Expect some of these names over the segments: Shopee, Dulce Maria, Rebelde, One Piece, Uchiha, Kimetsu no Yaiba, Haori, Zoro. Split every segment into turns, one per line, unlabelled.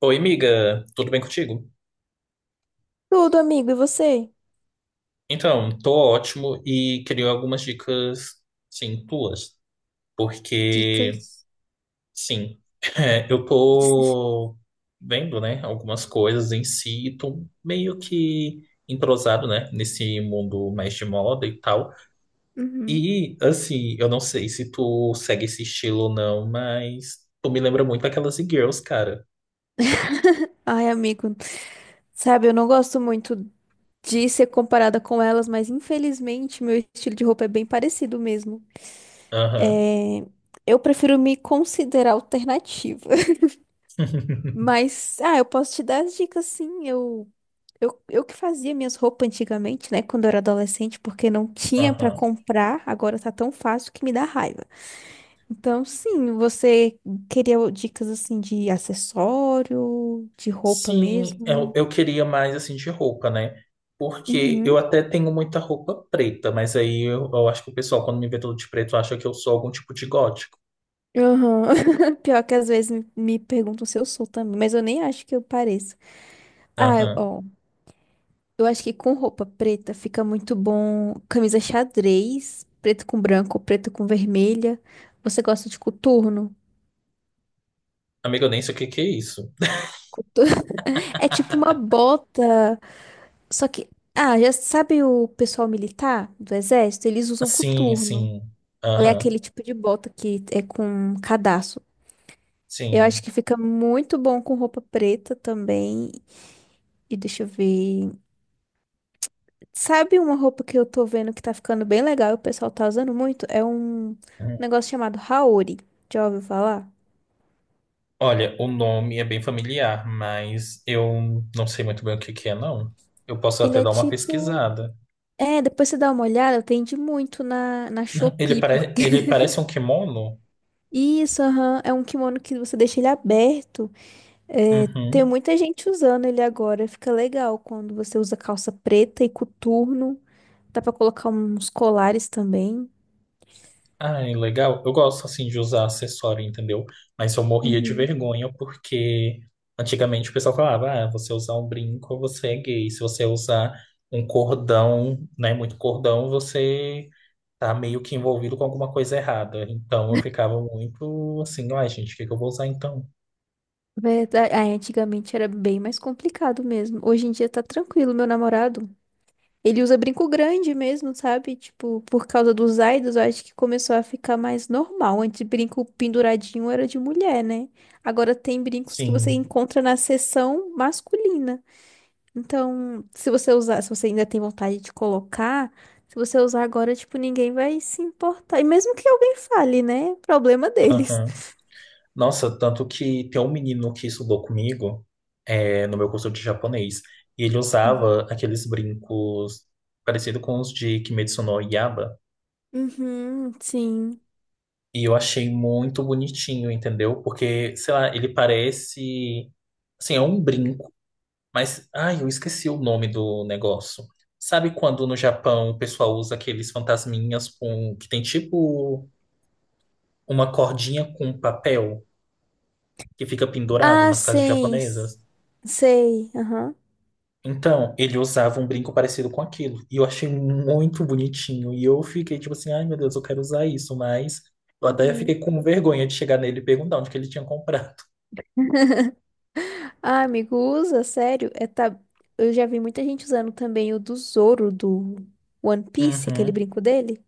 Oi, amiga, tudo bem contigo?
Tudo, amigo, e você?
Então, tô ótimo e queria algumas dicas, sim, tuas, porque,
Dicas.
sim, é, eu tô vendo, né, algumas coisas em si e tô meio que entrosado, né, nesse mundo mais de moda e tal.
Uhum.
E, assim, eu não sei se tu segue esse estilo ou não, mas tu me lembra muito aquelas e-girls, cara.
Ai, amigo, sabe, eu não gosto muito de ser comparada com elas, mas infelizmente meu estilo de roupa é bem parecido mesmo.
Aham,
É, eu prefiro me considerar alternativa. Mas, eu posso te dar as dicas sim. Eu que fazia minhas roupas antigamente, né, quando eu era adolescente, porque não tinha pra
aham.
comprar, agora tá tão fácil que me dá raiva. Então, sim, você queria dicas assim de acessório, de roupa
Sim, eu,
mesmo?
eu queria mais assim de roupa, né? Porque eu
Uhum.
até tenho muita roupa preta, mas aí eu acho que o pessoal, quando me vê todo de preto, acha que eu sou algum tipo de gótico.
Aham. Pior que às vezes me perguntam se eu sou também, mas eu nem acho que eu pareço.
Aham.
Ó, eu acho que com roupa preta fica muito bom camisa xadrez, preto com branco, preto com vermelha. Você gosta de coturno?
Amigo, eu nem sei o que que é isso.
Cotu- É tipo uma bota, só que, já sabe, o pessoal militar do exército, eles usam
Sim,
coturno.
sim.
É
Aham.
aquele tipo de bota que é com cadarço. Eu acho
Sim.
que fica muito bom com roupa preta também. E deixa eu ver. Sabe uma roupa que eu tô vendo que tá ficando bem legal e o pessoal tá usando muito? É um
Hum.
negócio chamado Haori. Já ouviu falar?
Olha, o nome é bem familiar, mas eu não sei muito bem o que que é, não. Eu posso
Ele
até
é
dar uma
tipo.
pesquisada.
É, depois você dá uma olhada, vende muito na
Ele,
Shopee, porque.
Ele parece um kimono?
Isso, aham, é um kimono que você deixa ele aberto. É, tem
Uhum.
muita gente usando ele agora. Fica legal quando você usa calça preta e coturno. Dá pra colocar uns colares também.
Ah, é legal. Eu gosto assim de usar acessório, entendeu? Mas eu morria de
Uhum.
vergonha porque antigamente o pessoal falava: ah, você usar um brinco, você é gay. Se você usar um cordão, né, muito cordão, você tá meio que envolvido com alguma coisa errada. Então eu ficava muito assim: ai, gente, o que que eu vou usar então?
Verdade. Ah, antigamente era bem mais complicado mesmo. Hoje em dia tá tranquilo, meu namorado. Ele usa brinco grande mesmo, sabe? Tipo, por causa dos aidos, eu acho que começou a ficar mais normal. Antes, brinco penduradinho era de mulher, né? Agora tem brincos que você
Sim.
encontra na seção masculina. Então, se você usar, se você ainda tem vontade de colocar, se você usar agora, tipo, ninguém vai se importar. E mesmo que alguém fale, né? Problema deles.
Aham. Nossa, tanto que tem um menino que estudou comigo, é, no meu curso de japonês, e ele
Uhum.
usava aqueles brincos parecido com os de Kimetsu no Yaiba,
Uhum, sim.
e eu achei muito bonitinho, entendeu? Porque, sei lá, ele parece, assim, é um brinco, mas, ai, eu esqueci o nome do negócio. Sabe quando no Japão o pessoal usa aqueles fantasminhas com que tem tipo uma cordinha com papel que fica pendurado
Ah,
nas casas
sim.
japonesas?
Sei. Aham.
Então, ele usava um brinco parecido com aquilo. E eu achei muito bonitinho. E eu fiquei tipo assim, ai meu Deus, eu quero usar isso. Mas eu até
Uhum.
fiquei com vergonha de chegar nele e perguntar onde que ele tinha comprado.
Ah, amigo, usa, sério. É, tá... Eu já vi muita gente usando também o do Zoro do One Piece, aquele
Uhum.
brinco dele.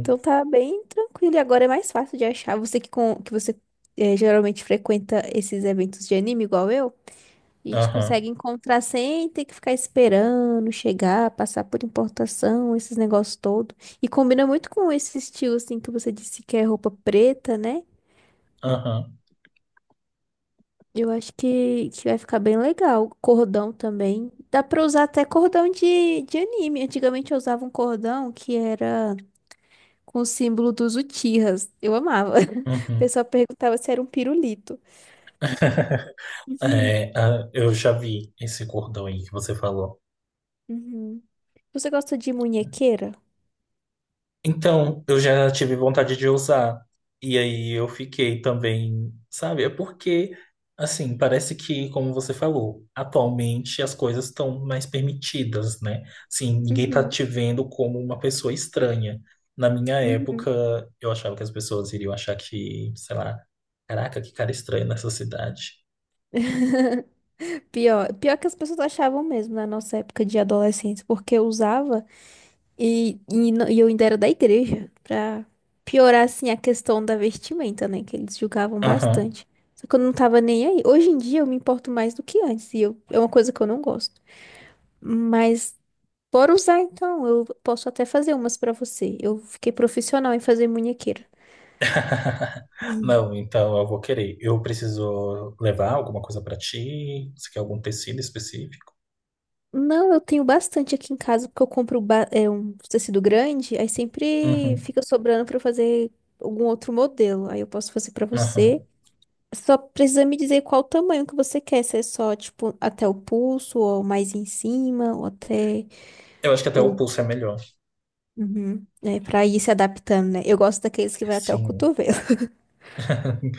Então tá bem tranquilo. E agora é mais fácil de achar. Você que, com... que você geralmente frequenta esses eventos de anime igual eu. A gente
Aham.
consegue encontrar sem ter que ficar esperando chegar, passar por importação, esses negócios todos. E combina muito com esse estilo, assim, que você disse que é roupa preta, né?
Aham.
Eu acho que vai ficar bem legal. Cordão também. Dá pra usar até cordão de anime. Antigamente eu usava um cordão que era com o símbolo dos Uchihas. Eu amava. O
Uhum.
pessoal perguntava se era um pirulito.
É, ah, eu já vi esse cordão aí que você falou.
Uhum. Você gosta de munhequeira?
Então, eu já tive vontade de usar. E aí eu fiquei também, sabe? É porque, assim, parece que, como você falou, atualmente as coisas estão mais permitidas, né? Assim, ninguém tá
Uhum.
te vendo como uma pessoa estranha. Na minha época,
Uhum.
eu achava que as pessoas iriam achar que, sei lá, caraca, que cara estranho nessa cidade.
Pior que as pessoas achavam mesmo na nossa época de adolescência, porque eu usava e, no- e eu ainda era da igreja, pra piorar assim a questão da vestimenta, né? Que eles julgavam
Aham.
bastante. Só que eu não tava nem aí. Hoje em dia eu me importo mais do que antes, e eu, é uma coisa que eu não gosto. Mas por usar, então, eu posso até fazer umas pra você. Eu fiquei profissional em fazer munhequeira.
Não, então eu vou querer. Eu preciso levar alguma coisa pra ti? Você quer algum tecido específico?
Não, eu tenho bastante aqui em casa, porque eu compro um tecido grande, aí sempre
Uhum,
fica sobrando pra eu fazer algum outro modelo. Aí eu posso fazer pra você.
uhum.
Só precisa me dizer qual o tamanho que você quer, se é só, tipo, até o pulso, ou mais em cima, ou até
Eu acho que até o
o...
pulso é melhor.
Uhum. É, pra ir se adaptando, né? Eu gosto daqueles que vai até o
Sim.
cotovelo.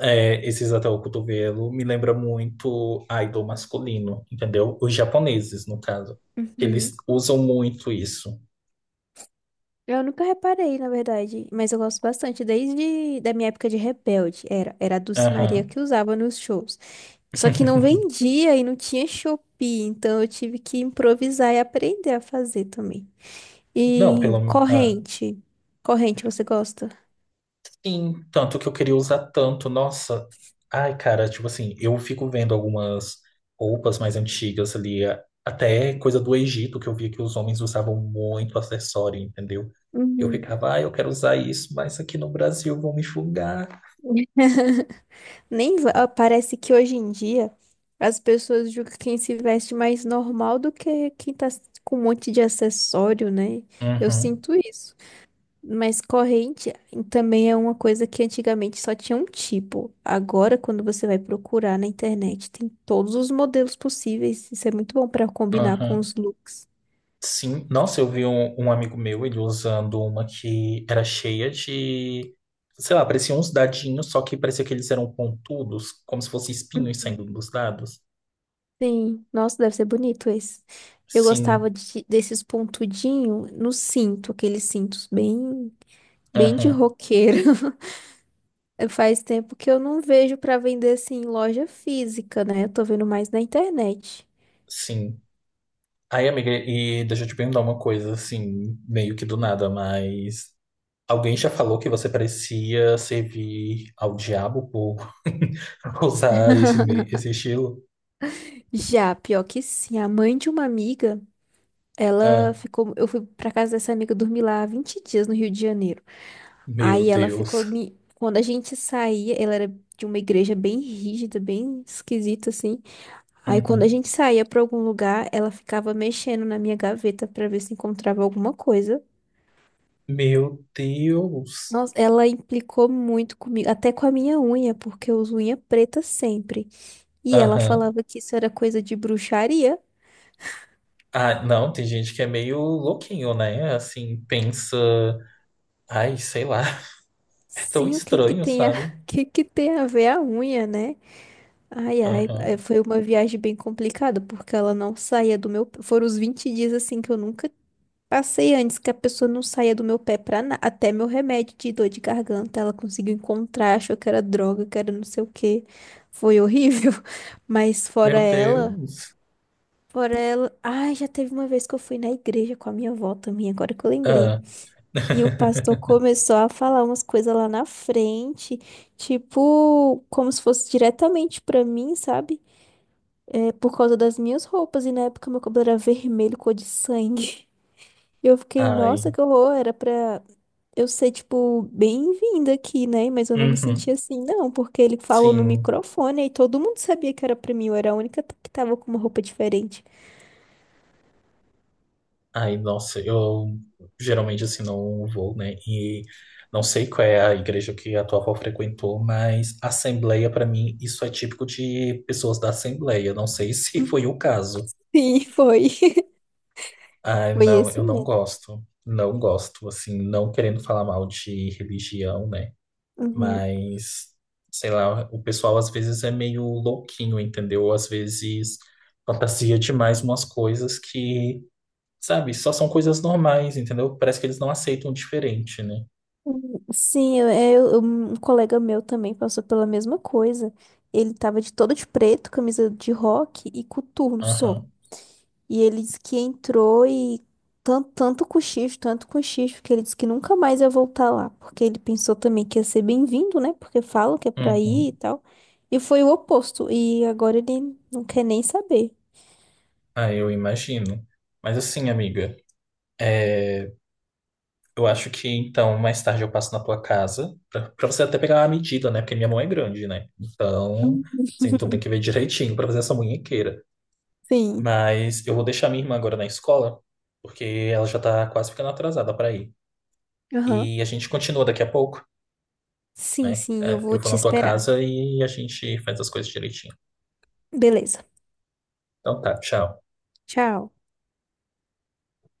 É, esses até o cotovelo me lembra muito idol masculino, entendeu? Os japoneses, no caso.
Uhum.
Eles usam muito isso.
Eu nunca reparei, na verdade, mas eu gosto bastante. Desde da minha época de Rebelde, era a Dulce Maria
Aham.
que usava nos shows. Só que não vendia e não tinha Shopee, então eu tive que improvisar e aprender a fazer também.
Não,
E
pelo menos.
corrente. Corrente, você gosta?
Sim, tanto que eu queria usar tanto. Nossa, ai, cara, tipo assim, eu fico vendo algumas roupas mais antigas ali, até coisa do Egito, que eu via que os homens usavam muito acessório, entendeu? Eu
Uhum.
ficava, ah, eu quero usar isso, mas aqui no Brasil vão me julgar.
Nem va- ah, Parece que hoje em dia as pessoas julgam quem se veste mais normal do que quem tá com um monte de acessório, né? Eu
Uhum,
sinto isso. Mas corrente também é uma coisa que antigamente só tinha um tipo. Agora, quando você vai procurar na internet, tem todos os modelos possíveis. Isso é muito bom para combinar com
uhum.
os looks.
Sim, nossa, eu vi um amigo meu, ele usando uma que era cheia de, sei lá, parecia uns dadinhos, só que parecia que eles eram pontudos, como se fossem espinhos saindo dos dados.
Sim, nossa, deve ser bonito esse. Eu gostava
Sim.
desses pontudinhos no cinto, aqueles cintos bem, bem de
Aham,
roqueiro. Faz tempo que eu não vejo para vender assim em loja física, né? Eu tô vendo mais na internet.
sim. Aí, amiga, e deixa eu te perguntar uma coisa, assim, meio que do nada, mas alguém já falou que você parecia servir ao diabo por usar esse estilo?
Já, pior que sim, a mãe de uma amiga. Ela
Ah,
ficou. Eu fui pra casa dessa amiga dormir lá há 20 dias no Rio de Janeiro.
meu
Aí ela
Deus.
ficou. Quando a gente saía, ela era de uma igreja bem rígida, bem esquisita, assim. Aí quando a
Uhum.
gente saía pra algum lugar, ela ficava mexendo na minha gaveta pra ver se encontrava alguma coisa.
Meu Deus.
Nossa, ela implicou muito comigo, até com a minha unha, porque eu uso unha preta sempre. E ela
Aham.
falava que isso era coisa de bruxaria.
Ah, não, tem gente que é meio louquinho, né? Assim, pensa, ai, sei lá, é tão
Sim, o que que
estranho,
tem a, o
sabe?
que que tem a ver a unha, né? Ai, ai, é,
Aham.
foi uma viagem bem complicada, porque ela não saía do meu pé. Foram os 20 dias assim que eu nunca passei antes, que a pessoa não saía do meu pé pra nada. Até meu remédio de dor de garganta, ela conseguiu encontrar, achou que era droga, que era não sei o quê. Foi horrível. Mas fora
Meu
ela,
Deus.
fora ela. Ai, já teve uma vez que eu fui na igreja com a minha avó também, agora que eu lembrei.
Ah.
E o pastor começou a falar umas coisas lá na frente, tipo, como se fosse diretamente pra mim, sabe? É por causa das minhas roupas, e na época meu cabelo era vermelho, cor de sangue. E eu fiquei, nossa,
Ai.
que horror, era pra eu ser, tipo, bem-vinda aqui, né? Mas eu não me senti
Uhum,
assim, não, porque ele falou no
sim.
microfone e todo mundo sabia que era pra mim, eu era a única que tava com uma roupa diferente.
Ai, nossa, eu geralmente assim não vou, né? E não sei qual é a igreja que a tua avó frequentou, mas assembleia, pra mim, isso é típico de pessoas da assembleia. Não sei se foi o caso.
Sim, foi.
Ai,
Foi
não,
esse
eu não
mesmo.
gosto. Não gosto, assim, não querendo falar mal de religião, né?
Uhum.
Mas, sei lá, o pessoal às vezes é meio louquinho, entendeu? Às vezes fantasia demais umas coisas que. Sabe? Só são coisas normais, entendeu? Parece que eles não aceitam o diferente, né?
Uhum. Sim, eu, é, um colega meu também passou pela mesma coisa. Ele tava de todo de preto, camisa de rock e coturno só.
Aham.
E ele disse que entrou e tanto cochicho, que ele disse que nunca mais ia voltar lá, porque ele pensou também que ia ser bem-vindo, né? Porque falam que é pra ir e
Uhum.
tal. E foi o oposto. E agora ele não quer nem saber.
Ah, eu imagino. Mas assim, amiga, é, eu acho que então mais tarde eu passo na tua casa pra você até pegar a medida, né? Porque minha mão é grande, né? Então,
Hum.
assim, tu tem que ver direitinho pra fazer essa munhequeira.
Sim.
Mas eu vou deixar minha irmã agora na escola, porque ela já tá quase ficando atrasada pra ir.
Aham.
E a gente continua daqui a pouco,
Sim,
né?
sim, eu
É,
vou
eu vou
te
na tua
esperar.
casa e a gente faz as coisas direitinho.
Beleza.
Então tá, tchau.
Tchau.